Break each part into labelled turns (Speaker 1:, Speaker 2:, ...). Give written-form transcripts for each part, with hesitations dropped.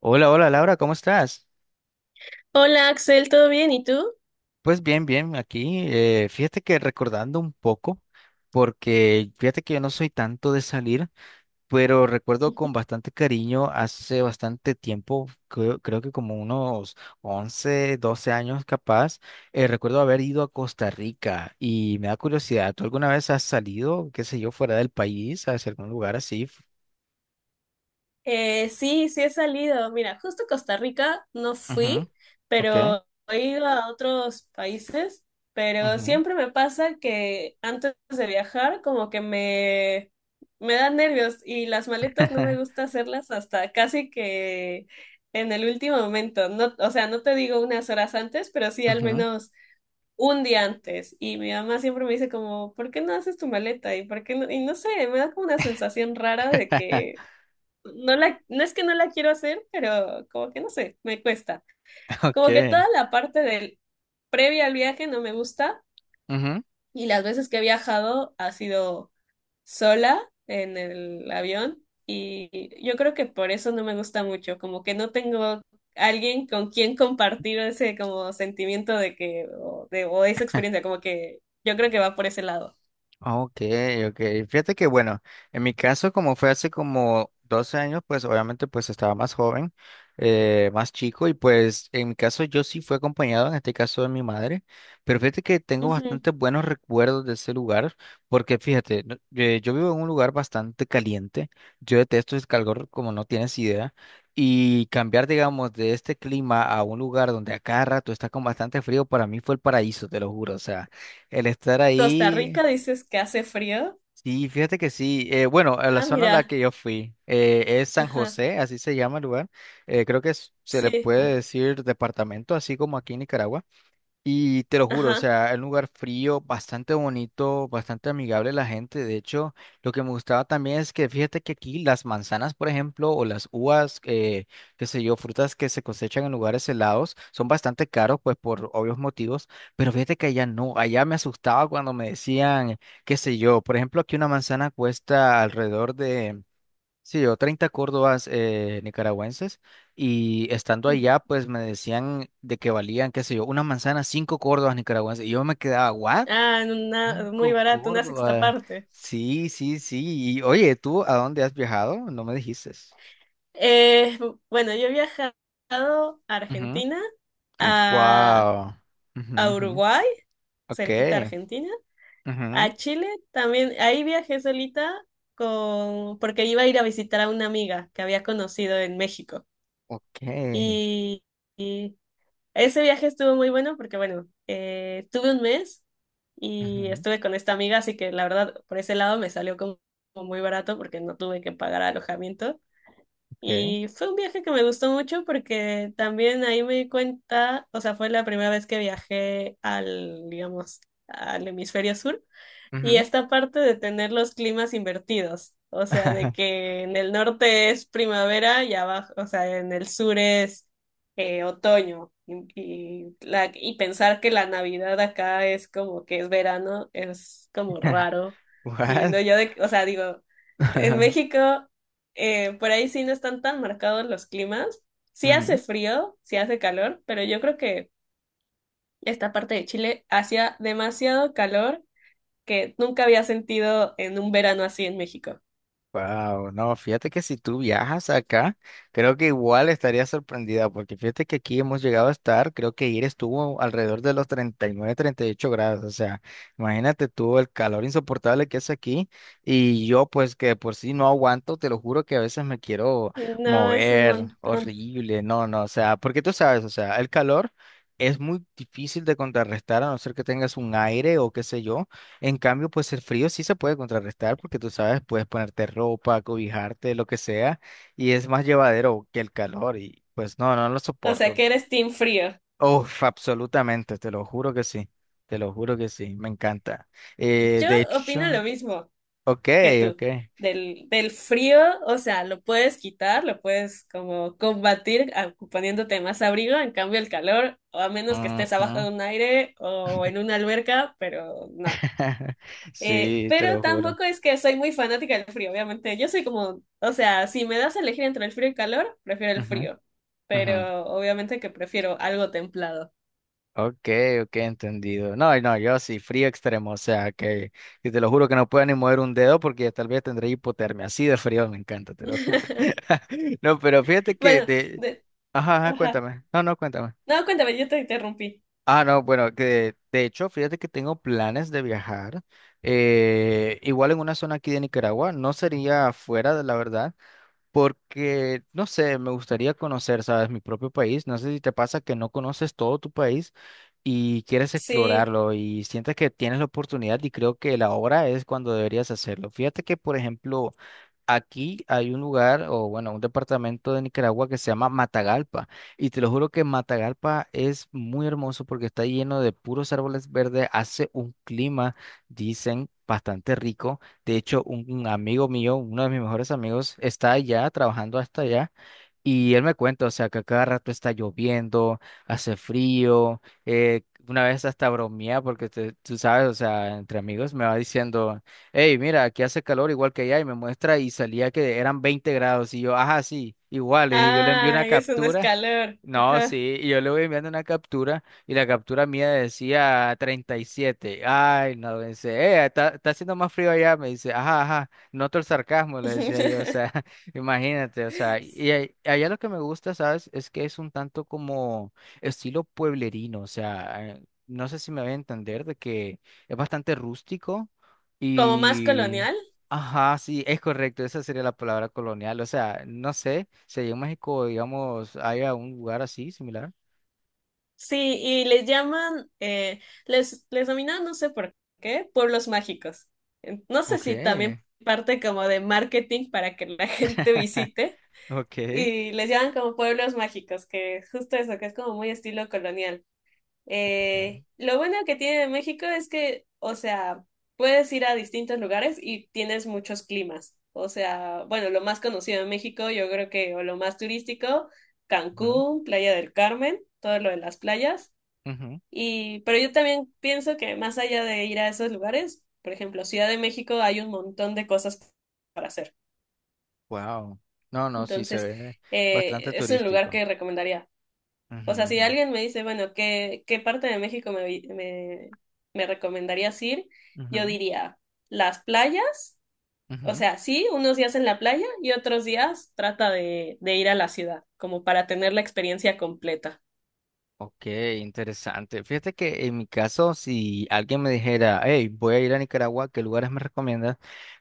Speaker 1: Hola, hola Laura, ¿cómo estás?
Speaker 2: Hola Axel, ¿todo bien? ¿Y tú?
Speaker 1: Pues bien, bien, aquí. Fíjate que recordando un poco, porque fíjate que yo no soy tanto de salir, pero recuerdo con bastante cariño hace bastante tiempo, creo que como unos 11, 12 años capaz, recuerdo haber ido a Costa Rica y me da curiosidad, ¿tú alguna vez has salido, qué sé yo, fuera del país, hacia algún lugar así?
Speaker 2: Sí, sí he salido. Mira, justo a Costa Rica no
Speaker 1: Ujú,
Speaker 2: fui,
Speaker 1: ok,
Speaker 2: pero he ido a otros países, pero
Speaker 1: ujú,
Speaker 2: siempre me pasa que antes de viajar como que me dan nervios y las maletas no me gusta hacerlas hasta casi que en el último momento. No, o sea, no te digo unas horas antes, pero sí al
Speaker 1: ujú,
Speaker 2: menos un día antes. Y mi mamá siempre me dice como, ¿por qué no haces tu maleta? Y por qué no, y no sé, me da como una sensación rara de que no es que no la quiero hacer, pero como que no sé, me cuesta.
Speaker 1: ok,
Speaker 2: Como que toda la parte del previa al viaje no me gusta,
Speaker 1: ujú.
Speaker 2: y las veces que he viajado ha sido sola en el avión. Y yo creo que por eso no me gusta mucho, como que no tengo alguien con quien compartir ese como sentimiento de que o, de, o esa experiencia, como que yo creo que va por ese lado.
Speaker 1: Ah, Ok, ok. Fíjate que bueno, en mi caso, como fue hace como 12 años, pues obviamente pues estaba más joven, más chico, y pues en mi caso yo sí fui acompañado, en este caso de mi madre, pero fíjate que tengo
Speaker 2: Ujú.
Speaker 1: bastante buenos recuerdos de ese lugar, porque fíjate, yo vivo en un lugar bastante caliente, yo detesto el calor como no tienes idea, y cambiar, digamos, de este clima a un lugar donde a cada rato está con bastante frío, para mí fue el paraíso, te lo juro, o sea. El estar
Speaker 2: Costa
Speaker 1: ahí.
Speaker 2: Rica, dices que hace frío.
Speaker 1: Sí, fíjate que sí. Bueno, a la
Speaker 2: Ah,
Speaker 1: zona a la
Speaker 2: mira,
Speaker 1: que yo fui es San
Speaker 2: ajá,
Speaker 1: José, así se llama el lugar. Creo que se le
Speaker 2: sí,
Speaker 1: puede decir departamento, así como aquí en Nicaragua. Y te lo juro, o
Speaker 2: ajá,
Speaker 1: sea, es un lugar frío, bastante bonito, bastante amigable la gente. De hecho, lo que me gustaba también es que fíjate que aquí las manzanas, por ejemplo, o las uvas, qué sé yo, frutas que se cosechan en lugares helados, son bastante caros, pues por obvios motivos. Pero fíjate que allá no, allá me asustaba cuando me decían, qué sé yo, por ejemplo, aquí una manzana cuesta alrededor de. Sí, yo 30 córdobas nicaragüenses, y estando
Speaker 2: ujú.
Speaker 1: allá, pues me decían de que valían, qué sé yo, una manzana, 5 córdobas nicaragüenses. Y yo me quedaba, ¿what?
Speaker 2: Ah, en una muy
Speaker 1: Cinco
Speaker 2: barato, una sexta
Speaker 1: córdobas.
Speaker 2: parte.
Speaker 1: Sí, sí, sí. Y oye, ¿tú a dónde has viajado? No me dijiste.
Speaker 2: Eh, bueno, yo he viajado a
Speaker 1: Ujú.
Speaker 2: Argentina, a,
Speaker 1: Wow. Ujú,
Speaker 2: a
Speaker 1: ujú.
Speaker 2: Uruguay,
Speaker 1: Ok.
Speaker 2: cerquita a Argentina.
Speaker 1: Ujú.
Speaker 2: A Chile también, ahí viajé solita con, porque iba a ir a visitar a una amiga que había conocido en México.
Speaker 1: Ok.
Speaker 2: Y, y ese viaje estuvo muy bueno porque, tuve un mes y
Speaker 1: Ujú,
Speaker 2: estuve con esta amiga, así que la verdad, por ese lado me salió como muy barato porque no tuve que pagar alojamiento.
Speaker 1: Ok.
Speaker 2: Y fue un viaje que me gustó mucho porque también ahí me di cuenta, o sea, fue la primera vez que viajé al, digamos, al hemisferio sur. Y
Speaker 1: Ujú.
Speaker 2: esta parte de tener los climas invertidos, o sea, de que en el norte es primavera y abajo, o sea, en el sur es otoño. Y pensar que la Navidad acá es como que es verano, es como raro.
Speaker 1: What?
Speaker 2: Viniendo yo de, o sea, digo, en México, por ahí sí no están tan marcados los climas. Sí hace frío, sí hace calor, pero yo creo que esta parte de Chile hacía demasiado calor que nunca había sentido en un verano así en México.
Speaker 1: Wow, no, fíjate que si tú viajas acá, creo que igual estaría sorprendida, porque fíjate que aquí hemos llegado a estar, creo que ayer estuvo alrededor de los 39, 38 grados, o sea, imagínate tú el calor insoportable que es aquí, y yo pues que de por sí no aguanto, te lo juro que a veces me quiero
Speaker 2: No, es un
Speaker 1: mover,
Speaker 2: montón.
Speaker 1: horrible, no, no, o sea, porque tú sabes, o sea, el calor... es muy difícil de contrarrestar a no ser que tengas un aire o qué sé yo, en cambio, pues el frío sí se puede contrarrestar porque tú sabes, puedes ponerte ropa, cobijarte, lo que sea, y es más llevadero que el calor y pues no, no lo
Speaker 2: O sea,
Speaker 1: soporto.
Speaker 2: que eres team frío.
Speaker 1: Uf, absolutamente, te lo juro que sí, te lo juro que sí, me encanta.
Speaker 2: Yo
Speaker 1: De
Speaker 2: opino
Speaker 1: hecho,
Speaker 2: lo mismo
Speaker 1: ok,
Speaker 2: que tú.
Speaker 1: ok.
Speaker 2: Del frío, o sea, lo puedes quitar, lo puedes como combatir a- poniéndote más abrigo, en cambio el calor, o a menos que estés abajo
Speaker 1: Ujú,
Speaker 2: de un aire o en una alberca, pero no.
Speaker 1: sí, te
Speaker 2: Pero
Speaker 1: lo juro.
Speaker 2: tampoco es que soy muy fanática del frío, obviamente. Yo soy como, o sea, si me das a elegir entre el frío y el calor, prefiero el
Speaker 1: Ujú,
Speaker 2: frío.
Speaker 1: ujú.
Speaker 2: Pero obviamente que prefiero algo templado.
Speaker 1: Ok, ok, entendido. No, no, yo sí, frío extremo, o sea, que y te lo juro que no puedo ni mover un dedo porque tal vez tendré hipotermia. Así de frío me encanta, te lo juro. No, pero fíjate que
Speaker 2: Bueno,
Speaker 1: de...
Speaker 2: de-
Speaker 1: Ajá, ajá,
Speaker 2: ajá.
Speaker 1: cuéntame. No, no, cuéntame.
Speaker 2: No, cuéntame, yo te interrumpí.
Speaker 1: Ah, no, bueno, que de hecho, fíjate que tengo planes de viajar, igual en una zona aquí de Nicaragua, no sería afuera, la verdad, porque, no sé, me gustaría conocer, ¿sabes? Mi propio país. No sé si te pasa que no conoces todo tu país y quieres
Speaker 2: Sí.
Speaker 1: explorarlo y sientes que tienes la oportunidad y creo que la hora es cuando deberías hacerlo. Fíjate que, por ejemplo, aquí hay un lugar, o bueno, un departamento de Nicaragua que se llama Matagalpa. Y te lo juro que Matagalpa es muy hermoso porque está lleno de puros árboles verdes, hace un clima, dicen, bastante rico. De hecho, un amigo mío, uno de mis mejores amigos, está allá, trabajando hasta allá. Y él me cuenta, o sea, que a cada rato está lloviendo, hace frío. Una vez hasta bromea porque tú sabes, o sea, entre amigos me va diciendo hey, mira, aquí hace calor igual que allá y me muestra y salía que eran 20 grados y yo, ajá, sí, igual, y yo le envié una
Speaker 2: Ay, eso no es
Speaker 1: captura,
Speaker 2: calor.
Speaker 1: no,
Speaker 2: Ajá.
Speaker 1: sí, y yo le voy enviando una captura y la captura mía decía 37, ay, no, me dice, está haciendo más frío allá, me dice, ajá, ajá, noto el sarcasmo, le decía yo, o sea, imagínate, o sea, y allá lo que me gusta, ¿sabes? Es que es un tanto como estilo pueblerino, o sea, no sé si me voy a entender de que... es bastante rústico,
Speaker 2: Como más
Speaker 1: y,
Speaker 2: colonial.
Speaker 1: ajá, sí, es correcto, esa sería la palabra colonial. O sea, no sé, si allá en México, digamos, hay algún lugar así similar.
Speaker 2: Sí, y les llaman, les denominan, no sé por qué, pueblos mágicos. En- No sé
Speaker 1: Ok,
Speaker 2: si también parte como de marketing para que la gente visite
Speaker 1: ok.
Speaker 2: y les llaman como pueblos mágicos, que es justo eso, que es como muy estilo colonial. Lo bueno que tiene de México es que, o sea, puedes ir a distintos lugares y tienes muchos climas. O sea, bueno, lo más conocido de México, yo creo que, o lo más turístico,
Speaker 1: Ujú,
Speaker 2: Cancún, Playa del Carmen, todo lo de las playas
Speaker 1: ujú.
Speaker 2: y, pero yo también pienso que más allá de ir a esos lugares, por ejemplo, Ciudad de México hay un montón de cosas para hacer.
Speaker 1: Wow. No, no, sí se
Speaker 2: Entonces,
Speaker 1: ve bastante
Speaker 2: es un lugar
Speaker 1: turístico.
Speaker 2: que recomendaría. O sea, si
Speaker 1: Ujú,
Speaker 2: alguien me dice, bueno, ¿qué parte de México me recomendarías ir? Yo
Speaker 1: ujú,
Speaker 2: diría las playas.
Speaker 1: ujú,
Speaker 2: O
Speaker 1: ujú.
Speaker 2: sea, sí, unos días en la playa y otros días trata de ir a la ciudad, como para tener la experiencia completa.
Speaker 1: Ok, interesante. Fíjate que en mi caso, si alguien me dijera, hey, voy a ir a Nicaragua, ¿qué lugares me recomiendas?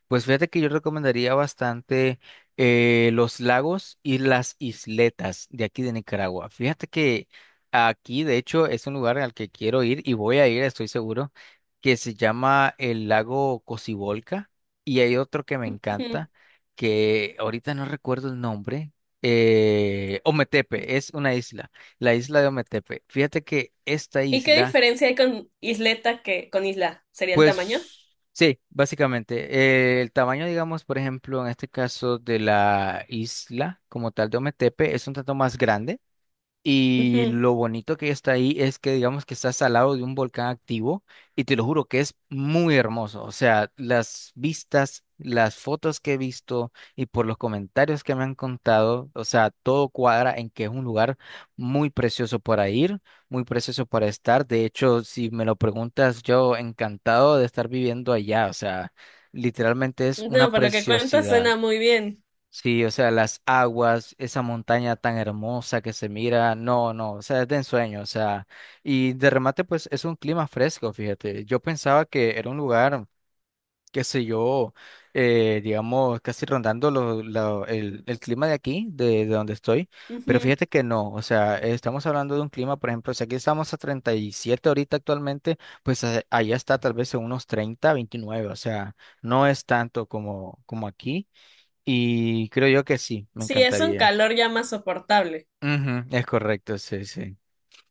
Speaker 1: Pues fíjate que yo recomendaría bastante los lagos y las isletas de aquí de Nicaragua. Fíjate que aquí, de hecho, es un lugar al que quiero ir y voy a ir, estoy seguro, que se llama el lago Cocibolca y hay otro que me
Speaker 2: Ujú.
Speaker 1: encanta, que ahorita no recuerdo el nombre, Ometepe, es una isla. La isla de Ometepe. Fíjate que esta
Speaker 2: ¿Y qué
Speaker 1: isla,
Speaker 2: diferencia hay con isleta que con isla? ¿Sería el tamaño?
Speaker 1: pues sí, básicamente, el tamaño, digamos, por ejemplo, en este caso de la isla como tal de Ometepe es un tanto más grande. Y
Speaker 2: Ujú.
Speaker 1: lo bonito que está ahí es que digamos que estás al lado de un volcán activo y te lo juro que es muy hermoso. O sea, las vistas, las fotos que he visto y por los comentarios que me han contado, o sea, todo cuadra en que es un lugar muy precioso para ir, muy precioso para estar. De hecho, si me lo preguntas, yo encantado de estar viviendo allá. O sea, literalmente es una
Speaker 2: No, por lo que cuentas
Speaker 1: preciosidad.
Speaker 2: suena muy bien.
Speaker 1: Sí, o sea, las aguas, esa montaña tan hermosa que se mira, no, no, o sea, es de ensueño, o sea, y de remate, pues es un clima fresco, fíjate. Yo pensaba que era un lugar, qué sé yo, digamos, casi rondando el clima de aquí, de donde estoy, pero
Speaker 2: Ujú.
Speaker 1: fíjate que no, o sea, estamos hablando de un clima, por ejemplo, si aquí estamos a 37 ahorita actualmente, pues allá está tal vez en unos 30, 29, o sea, no es tanto como, como aquí. Y creo yo que sí, me
Speaker 2: Sí, es un
Speaker 1: encantaría.
Speaker 2: calor ya más soportable.
Speaker 1: Ujú, es correcto, sí, sí.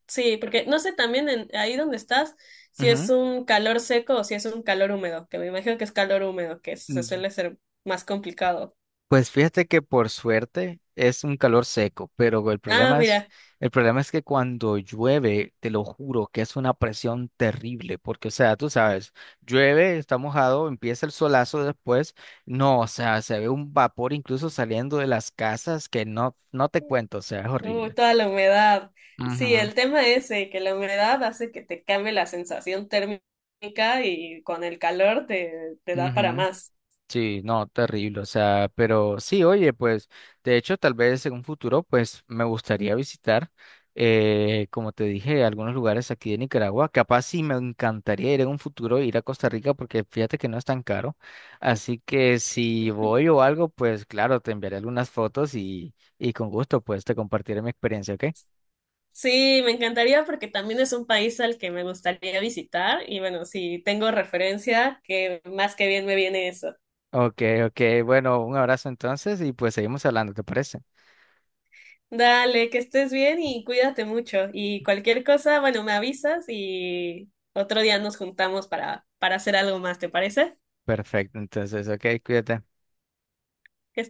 Speaker 2: Sí, porque no sé también en, ahí donde estás si es
Speaker 1: Ujú.
Speaker 2: un calor seco o si es un calor húmedo, que me imagino que es calor húmedo, que se
Speaker 1: Mm,
Speaker 2: suele ser más complicado.
Speaker 1: pues fíjate que por suerte es un calor seco, pero
Speaker 2: Ah, mira,
Speaker 1: el problema es que cuando llueve, te lo juro que es una presión terrible, porque o sea, tú sabes, llueve, está mojado, empieza el solazo después, no, o sea, se ve un vapor incluso saliendo de las casas que no, no te cuento, o sea, es horrible.
Speaker 2: toda la humedad. Sí,
Speaker 1: Ujú,
Speaker 2: el tema es que la humedad hace que te cambie la sensación térmica y con el calor te da para
Speaker 1: ujú.
Speaker 2: más.
Speaker 1: Sí, no, terrible, o sea, pero sí, oye, pues, de hecho, tal vez en un futuro, pues, me gustaría visitar, como te dije, algunos lugares aquí de Nicaragua, capaz sí me encantaría ir en un futuro, ir a Costa Rica, porque fíjate que no es tan caro, así que si voy o algo, pues, claro, te enviaré algunas fotos y con gusto, pues, te compartiré mi experiencia, ¿ok?
Speaker 2: Sí, me encantaría porque también es un país al que me gustaría visitar y bueno, si tengo referencia, que más que bien me viene eso.
Speaker 1: Ok, ok, bueno, un abrazo entonces y pues seguimos hablando, ¿te parece?
Speaker 2: Dale, que estés bien y cuídate mucho. Y cualquier cosa, bueno, me avisas y otro día nos juntamos para hacer algo más, ¿te parece?
Speaker 1: Perfecto, entonces, ok, cuídate.
Speaker 2: Que